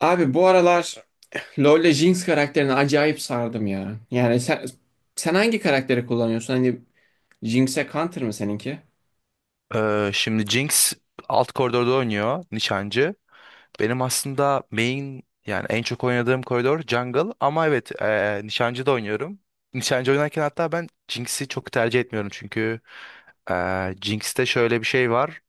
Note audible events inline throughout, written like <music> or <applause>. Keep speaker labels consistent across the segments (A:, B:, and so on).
A: Abi bu aralar LoL'le Jinx karakterini acayip sardım ya. Yani sen hangi karakteri kullanıyorsun? Hani Jinx'e counter mı seninki?
B: Şimdi Jinx alt koridorda oynuyor nişancı. Benim aslında main yani en çok oynadığım koridor jungle ama evet nişancı da oynuyorum. Nişancı oynarken hatta ben Jinx'i çok tercih etmiyorum çünkü Jinx'te şöyle bir şey var.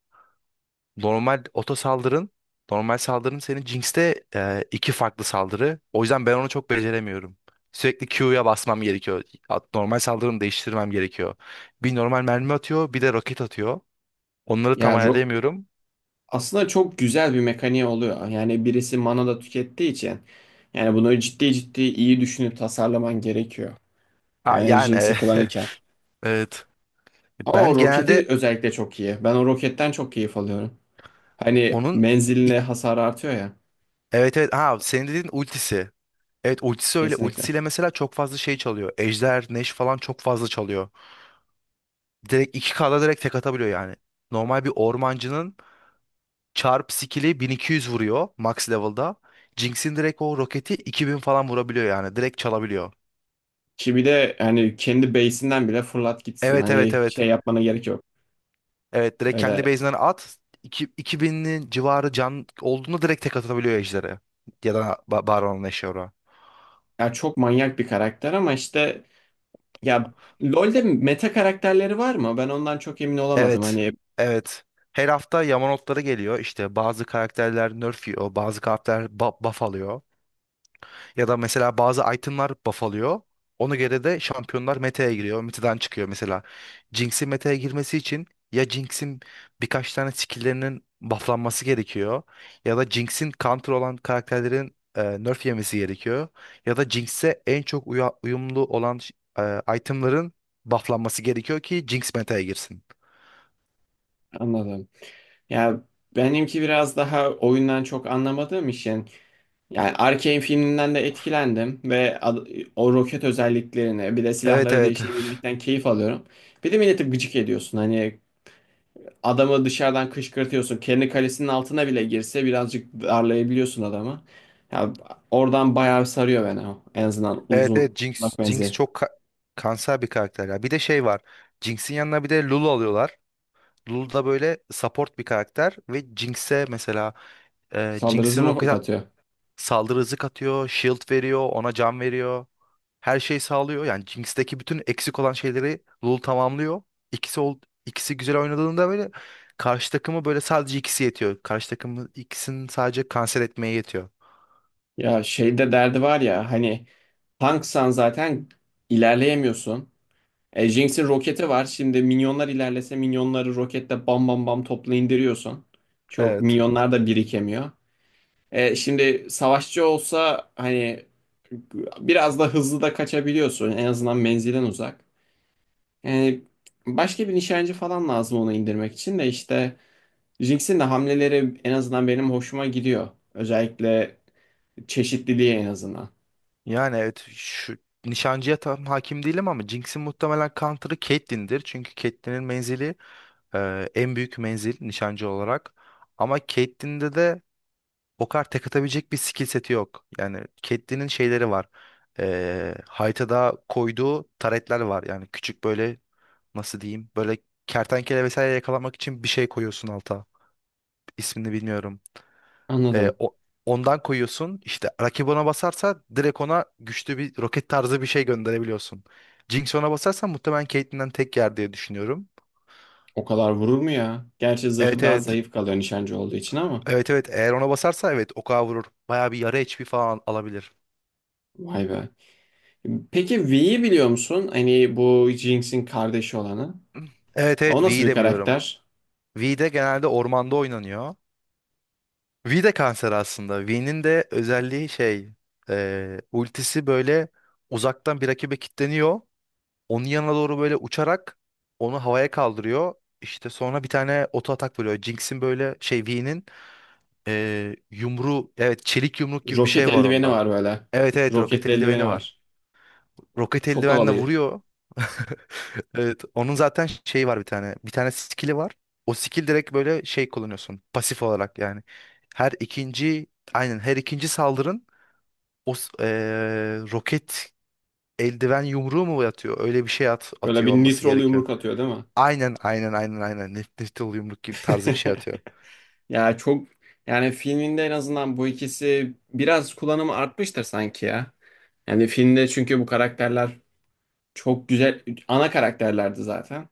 B: Normal oto saldırın, normal saldırın senin Jinx'te iki farklı saldırı. O yüzden ben onu çok beceremiyorum. Sürekli Q'ya basmam gerekiyor. Normal saldırımı değiştirmem gerekiyor. Bir normal mermi atıyor, bir de roket atıyor. Onları tam
A: Ya ro-
B: ayarlayamıyorum.
A: aslında çok güzel bir mekaniği oluyor. Yani birisi mana da tükettiği için yani bunu ciddi ciddi iyi düşünüp tasarlaman gerekiyor.
B: Ha,
A: Yani
B: yani e,
A: Jinx'i kullanırken.
B: <laughs> evet.
A: Ama
B: Ben
A: o roketi
B: genelde
A: özellikle çok iyi. Ben o roketten çok keyif alıyorum. Hani
B: onun
A: menziline
B: ilk-
A: hasar artıyor ya.
B: evet, evet, ha, senin dediğin ultisi. Evet, ultisi öyle.
A: Kesinlikle.
B: Ultisiyle mesela çok fazla şey çalıyor. Ejder, Neş falan çok fazla çalıyor. Direkt iki kda direkt tek atabiliyor yani. Normal bir ormancının çarp skill'i 1200 vuruyor max level'da. Jinx'in direkt o roketi 2000 falan vurabiliyor yani. Direkt çalabiliyor.
A: Ki bir de hani kendi base'inden bile fırlat gitsin.
B: Evet, evet,
A: Hani
B: evet.
A: şey yapmana gerek yok.
B: Evet, direkt kendi
A: Öyle
B: base'inden at. 2000'in civarı can olduğunu direkt tek atabiliyor Ejder'e. Ya da Baron Nashor'a.
A: ya, çok manyak bir karakter ama işte ya, LoL'de meta karakterleri var mı? Ben ondan çok emin olamadım.
B: Evet,
A: Hani
B: evet. Her hafta Yamanotları geliyor. İşte bazı karakterler nerf yiyor, bazı karakterler buff alıyor. Ya da mesela bazı itemlar buff alıyor. Ona göre de şampiyonlar meta'ya giriyor. Meta'dan çıkıyor mesela. Jinx'in meta'ya girmesi için ya Jinx'in birkaç tane skill'lerinin bufflanması gerekiyor. Ya da Jinx'in counter olan karakterlerin nerf yemesi gerekiyor. Ya da Jinx'e en çok uyumlu olan itemların bufflanması gerekiyor ki Jinx meta'ya girsin.
A: anladım. Ya, benimki biraz daha oyundan çok anlamadığım için yani Arcane filminden de etkilendim ve o roket özelliklerini bir de
B: Evet,
A: silahları
B: evet. <laughs>
A: değişebilmekten keyif alıyorum. Bir de milleti gıcık ediyorsun. Hani adamı dışarıdan kışkırtıyorsun. Kendi kalesinin altına bile girse birazcık darlayabiliyorsun adamı. Ya, oradan bayağı sarıyor beni o. En azından
B: Evet,
A: uzun
B: evet, Jinx,
A: uzak menzil.
B: Jinx çok kanser bir karakter ya. Bir de şey var. Jinx'in yanına bir de Lulu alıyorlar. Lulu da böyle support bir karakter ve Jinx'e mesela
A: Saldırı hızı
B: Jinx'in
A: mı
B: roket
A: katıyor?
B: saldırı hızı katıyor, shield veriyor, ona can veriyor. Her şeyi sağlıyor. Yani Jinx'teki bütün eksik olan şeyleri Lulu tamamlıyor. İkisi ol, ikisi güzel oynadığında böyle karşı takımı böyle sadece ikisi yetiyor. Karşı takımı ikisinin sadece kanser etmeye yetiyor.
A: Ya şeyde derdi var ya, hani tanksan zaten ilerleyemiyorsun. E, Jinx'in roketi var. Şimdi minyonlar ilerlese minyonları roketle bam bam bam topla indiriyorsun. Çok
B: Evet.
A: minyonlar da birikemiyor. E, şimdi savaşçı olsa hani biraz da hızlı da kaçabiliyorsun. En azından menzilden uzak. Yani başka bir nişancı falan lazım onu indirmek için de işte Jinx'in de hamleleri en azından benim hoşuma gidiyor. Özellikle çeşitliliği en azından.
B: Yani evet, şu nişancıya tam hakim değilim ama Jinx'in muhtemelen counter'ı Caitlyn'dir. Çünkü Caitlyn'in menzili en büyük menzil nişancı olarak. Ama Caitlyn'de de o kadar tek atabilecek bir skill seti yok. Yani Caitlyn'in şeyleri var. Haritada koyduğu taretler var. Yani küçük böyle nasıl diyeyim böyle kertenkele vesaire yakalamak için bir şey koyuyorsun alta. İsmini bilmiyorum. E,
A: Anladım.
B: o- Ondan koyuyorsun. İşte rakip ona basarsa direkt ona güçlü bir roket tarzı bir şey gönderebiliyorsun. Jinx ona basarsa muhtemelen Caitlyn'den tek yer diye düşünüyorum.
A: O kadar vurur mu ya? Gerçi zırhı
B: Evet,
A: daha
B: evet.
A: zayıf kalıyor nişancı olduğu için ama
B: Evet, evet. Eğer ona basarsa evet oka vurur. Bayağı bir yarı HP falan alabilir.
A: vay be. Peki V'yi biliyor musun? Hani bu Jinx'in kardeşi olanı.
B: Evet,
A: O
B: evet,
A: nasıl
B: V'yi
A: bir
B: de biliyorum.
A: karakter?
B: V de genelde ormanda oynanıyor. V de kanser aslında. V'nin de özelliği şey, ultisi böyle uzaktan bir rakibe kilitleniyor. Onun yanına doğru böyle uçarak onu havaya kaldırıyor. İşte sonra bir tane oto atak vuruyor. Jinx'in böyle şey V'nin yumruğu, evet, çelik yumruk gibi bir
A: Roket
B: şey var
A: eldiveni
B: onda.
A: var böyle.
B: Evet, evet, roket
A: Roketli eldiveni
B: eldiveni var.
A: var.
B: Roket
A: Çok
B: eldivenle
A: havalıydı.
B: vuruyor. <laughs> Evet, onun zaten şeyi var bir tane. Bir tane skill'i var. O skill direkt böyle şey kullanıyorsun pasif olarak yani. Her ikinci aynen her ikinci saldırın o roket eldiven yumruğu mu atıyor? Öyle bir şey at,
A: Böyle bir
B: atıyor olması
A: nitrolu
B: gerekiyor.
A: yumruk atıyor değil mi?
B: Aynen, aynen, aynen, aynen. Nef nefte yumruk gibi tarzı bir şey atıyor.
A: <laughs> Ya çok, yani filminde en azından bu ikisi biraz kullanımı artmıştır sanki ya. Yani filmde çünkü bu karakterler çok güzel ana karakterlerdi zaten.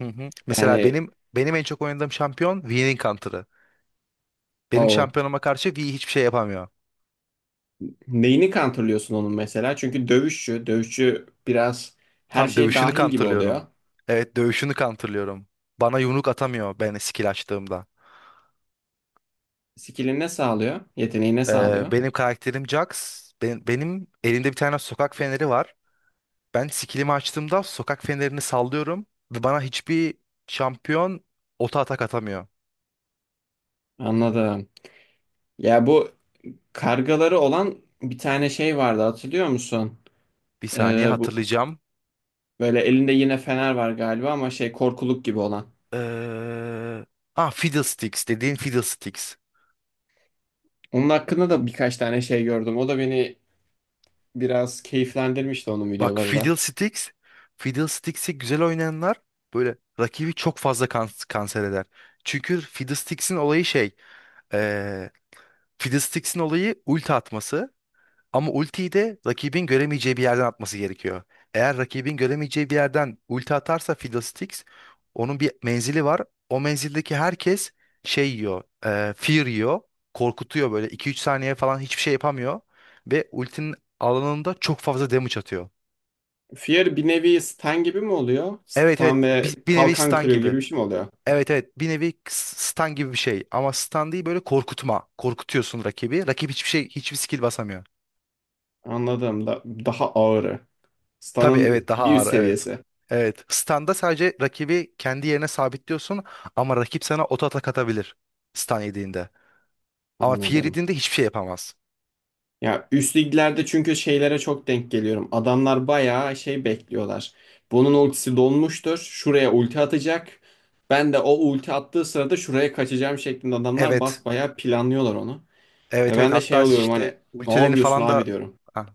B: Hı hı. Mesela
A: Yani
B: benim en çok oynadığım şampiyon Vi'nin counter'ı. Benim
A: o
B: şampiyonuma karşı Vi hiçbir şey yapamıyor.
A: neyini kontrolüyorsun onun mesela? Çünkü dövüşçü, dövüşçü biraz her
B: Tam
A: şey
B: dövüşünü
A: dahil gibi
B: counter'lıyorum.
A: oluyor.
B: Evet, dövüşünü counter'lıyorum. Bana yumruk atamıyor ben skill açtığımda.
A: Skill'i ne sağlıyor? Yeteneği ne sağlıyor?
B: Benim karakterim Jax. Benim elimde bir tane sokak feneri var. Ben skillimi açtığımda sokak fenerini sallıyorum ve bana hiçbir şampiyon ota atak atamıyor.
A: Anladım. Ya bu kargaları olan bir tane şey vardı, hatırlıyor musun?
B: Bir saniye
A: Bu
B: hatırlayacağım.
A: böyle elinde yine fener var galiba ama şey korkuluk gibi olan.
B: Ee, Fiddlesticks dediğin Fiddlesticks.
A: Onun hakkında da birkaç tane şey gördüm. O da beni biraz keyiflendirmişti, onun
B: Bak
A: videoları da.
B: Fiddlesticks, Fiddlesticks'i güzel oynayanlar böyle rakibi çok fazla kanser eder. Çünkü Fiddlesticks'in olayı ee, Fiddlesticks'in olayı ulti atması. Ama ultiyi de rakibin göremeyeceği bir yerden atması gerekiyor. Eğer rakibin göremeyeceği bir yerden ulti atarsa Fiddlesticks onun bir menzili var. O menzildeki herkes fear yiyor, korkutuyor böyle iki üç saniye falan hiçbir şey yapamıyor. Ve ultinin alanında çok fazla damage atıyor.
A: Fear bir nevi Stan gibi mi oluyor?
B: Evet,
A: Stan
B: evet,
A: ve
B: bir nevi
A: kalkan
B: stun
A: kırıyor gibi
B: gibi.
A: bir şey mi oluyor?
B: Evet, evet, bir nevi stun gibi bir şey. Ama stun değil, böyle korkutma. Korkutuyorsun rakibi. Rakip hiçbir şey, hiçbir skill basamıyor.
A: Anladım. Daha ağırı.
B: Tabii,
A: Stan'ın
B: evet, daha
A: bir üst
B: ağır, evet.
A: seviyesi.
B: Evet. Standa sadece rakibi kendi yerine sabitliyorsun ama rakip sana oto atak atabilir. Stan yediğinde. Ama Fear
A: Anladım.
B: yediğinde hiçbir şey yapamaz.
A: Ya üst liglerde çünkü şeylere çok denk geliyorum. Adamlar bayağı şey bekliyorlar. Bunun ultisi dolmuştur. Şuraya ulti atacak. Ben de o ulti attığı sırada şuraya kaçacağım şeklinde adamlar
B: Evet.
A: basbayağı planlıyorlar onu. E
B: Evet, evet,
A: ben de şey
B: hatta
A: oluyorum hani
B: işte
A: ne
B: ultilerini
A: yapıyorsun
B: falan
A: abi
B: da
A: diyorum.
B: Ha,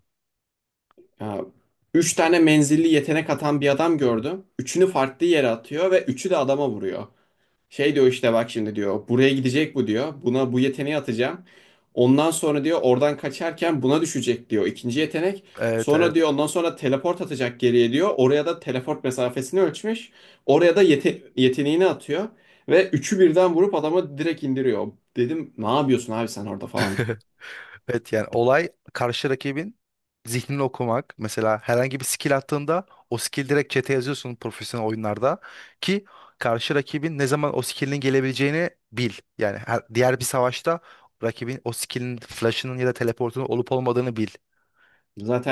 A: Ya, üç tane menzilli yetenek atan bir adam gördüm. Üçünü farklı yere atıyor ve üçü de adama vuruyor. Şey diyor işte bak şimdi diyor buraya gidecek bu diyor. Buna bu yeteneği atacağım. Ondan sonra diyor oradan kaçarken buna düşecek diyor ikinci yetenek.
B: evet,
A: Sonra
B: evet.
A: diyor ondan sonra teleport atacak geriye diyor. Oraya da teleport mesafesini ölçmüş. Oraya da yeteneğini atıyor. Ve üçü birden vurup adamı direkt indiriyor. Dedim ne yapıyorsun abi sen orada falan.
B: <laughs> Evet, yani olay karşı rakibin zihnini okumak. Mesela herhangi bir skill attığında o skill direkt chat'e yazıyorsun profesyonel oyunlarda ki karşı rakibin ne zaman o skill'in gelebileceğini bil. Yani diğer bir savaşta rakibin o skill'in flash'ının ya da teleportunun olup olmadığını bil.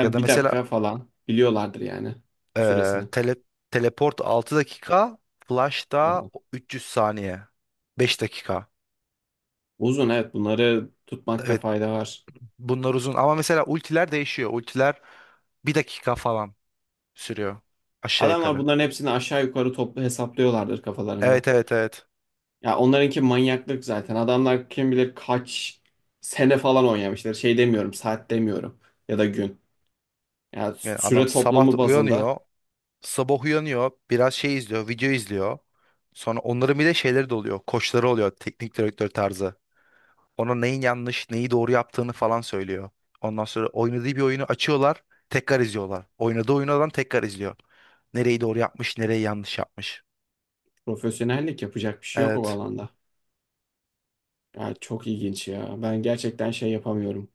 B: Ya da
A: bir dakika
B: mesela
A: falan biliyorlardır yani
B: eee,
A: süresini.
B: tele- teleport 6 dakika, flash da
A: Oha.
B: 300 saniye. 5 dakika.
A: Uzun, evet bunları tutmakta
B: Evet,
A: fayda var.
B: bunlar uzun ama mesela ultiler değişiyor. Ultiler bir dakika falan sürüyor. Aşağı
A: Adamlar
B: yukarı.
A: bunların hepsini aşağı yukarı toplu hesaplıyorlardır kafalarında.
B: Evet, evet, evet.
A: Ya onlarınki manyaklık zaten. Adamlar kim bilir kaç sene falan oynamışlar. Şey demiyorum, saat demiyorum ya da gün. Ya
B: Yani adam
A: süre
B: sabah da
A: toplamı bazında
B: uyanıyor. Sabah uyanıyor. Biraz şey izliyor. Video izliyor. Sonra onların bir de şeyleri de oluyor. Koçları oluyor. Teknik direktör tarzı. Ona neyin yanlış, neyi doğru yaptığını falan söylüyor. Ondan sonra oynadığı bir oyunu açıyorlar. Tekrar izliyorlar. Oynadığı oyunu adam tekrar izliyor. Nereyi doğru yapmış, nereyi yanlış yapmış.
A: profesyonellik yapacak bir şey yok o
B: Evet.
A: alanda. Ya çok ilginç ya. Ben gerçekten şey yapamıyorum.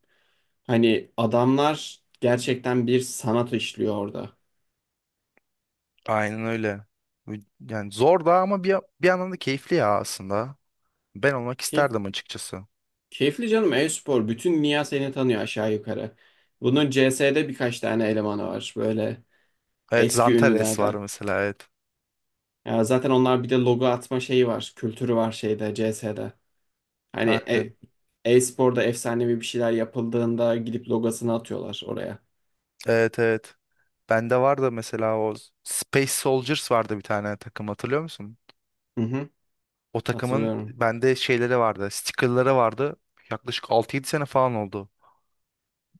A: Hani adamlar gerçekten bir sanat işliyor orada.
B: Aynen öyle. Yani zor da ama bir yandan da keyifli ya aslında. Ben olmak
A: Keyif,
B: isterdim açıkçası.
A: keyifli canım e-spor. Bütün dünya seni tanıyor aşağı yukarı. Bunun CS'de birkaç tane elemanı var böyle
B: Evet,
A: eski
B: Zantares var
A: ünlülerden.
B: mesela, evet.
A: Ya zaten onlar bir de logo atma şeyi var. Kültürü var şeyde CS'de. Hani
B: Aynen.
A: e-sporda efsanevi bir şeyler yapıldığında gidip logosunu atıyorlar oraya.
B: Evet, evet. Bende vardı mesela o Space Soldiers vardı bir tane takım, hatırlıyor musun?
A: Hı hı,
B: O takımın
A: hatırlıyorum.
B: bende şeyleri vardı. Sticker'ları vardı. Yaklaşık altı yedi sene falan oldu.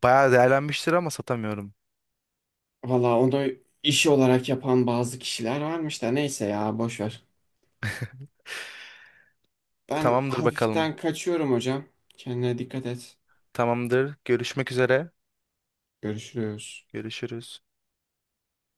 B: Bayağı değerlenmiştir ama satamıyorum.
A: Valla onu iş olarak yapan bazı kişiler varmış da neyse ya boş ver. Ben
B: Tamamdır, bakalım.
A: hafiften kaçıyorum hocam. Kendine dikkat et.
B: Tamamdır. Görüşmek üzere.
A: Görüşürüz.
B: Görüşürüz.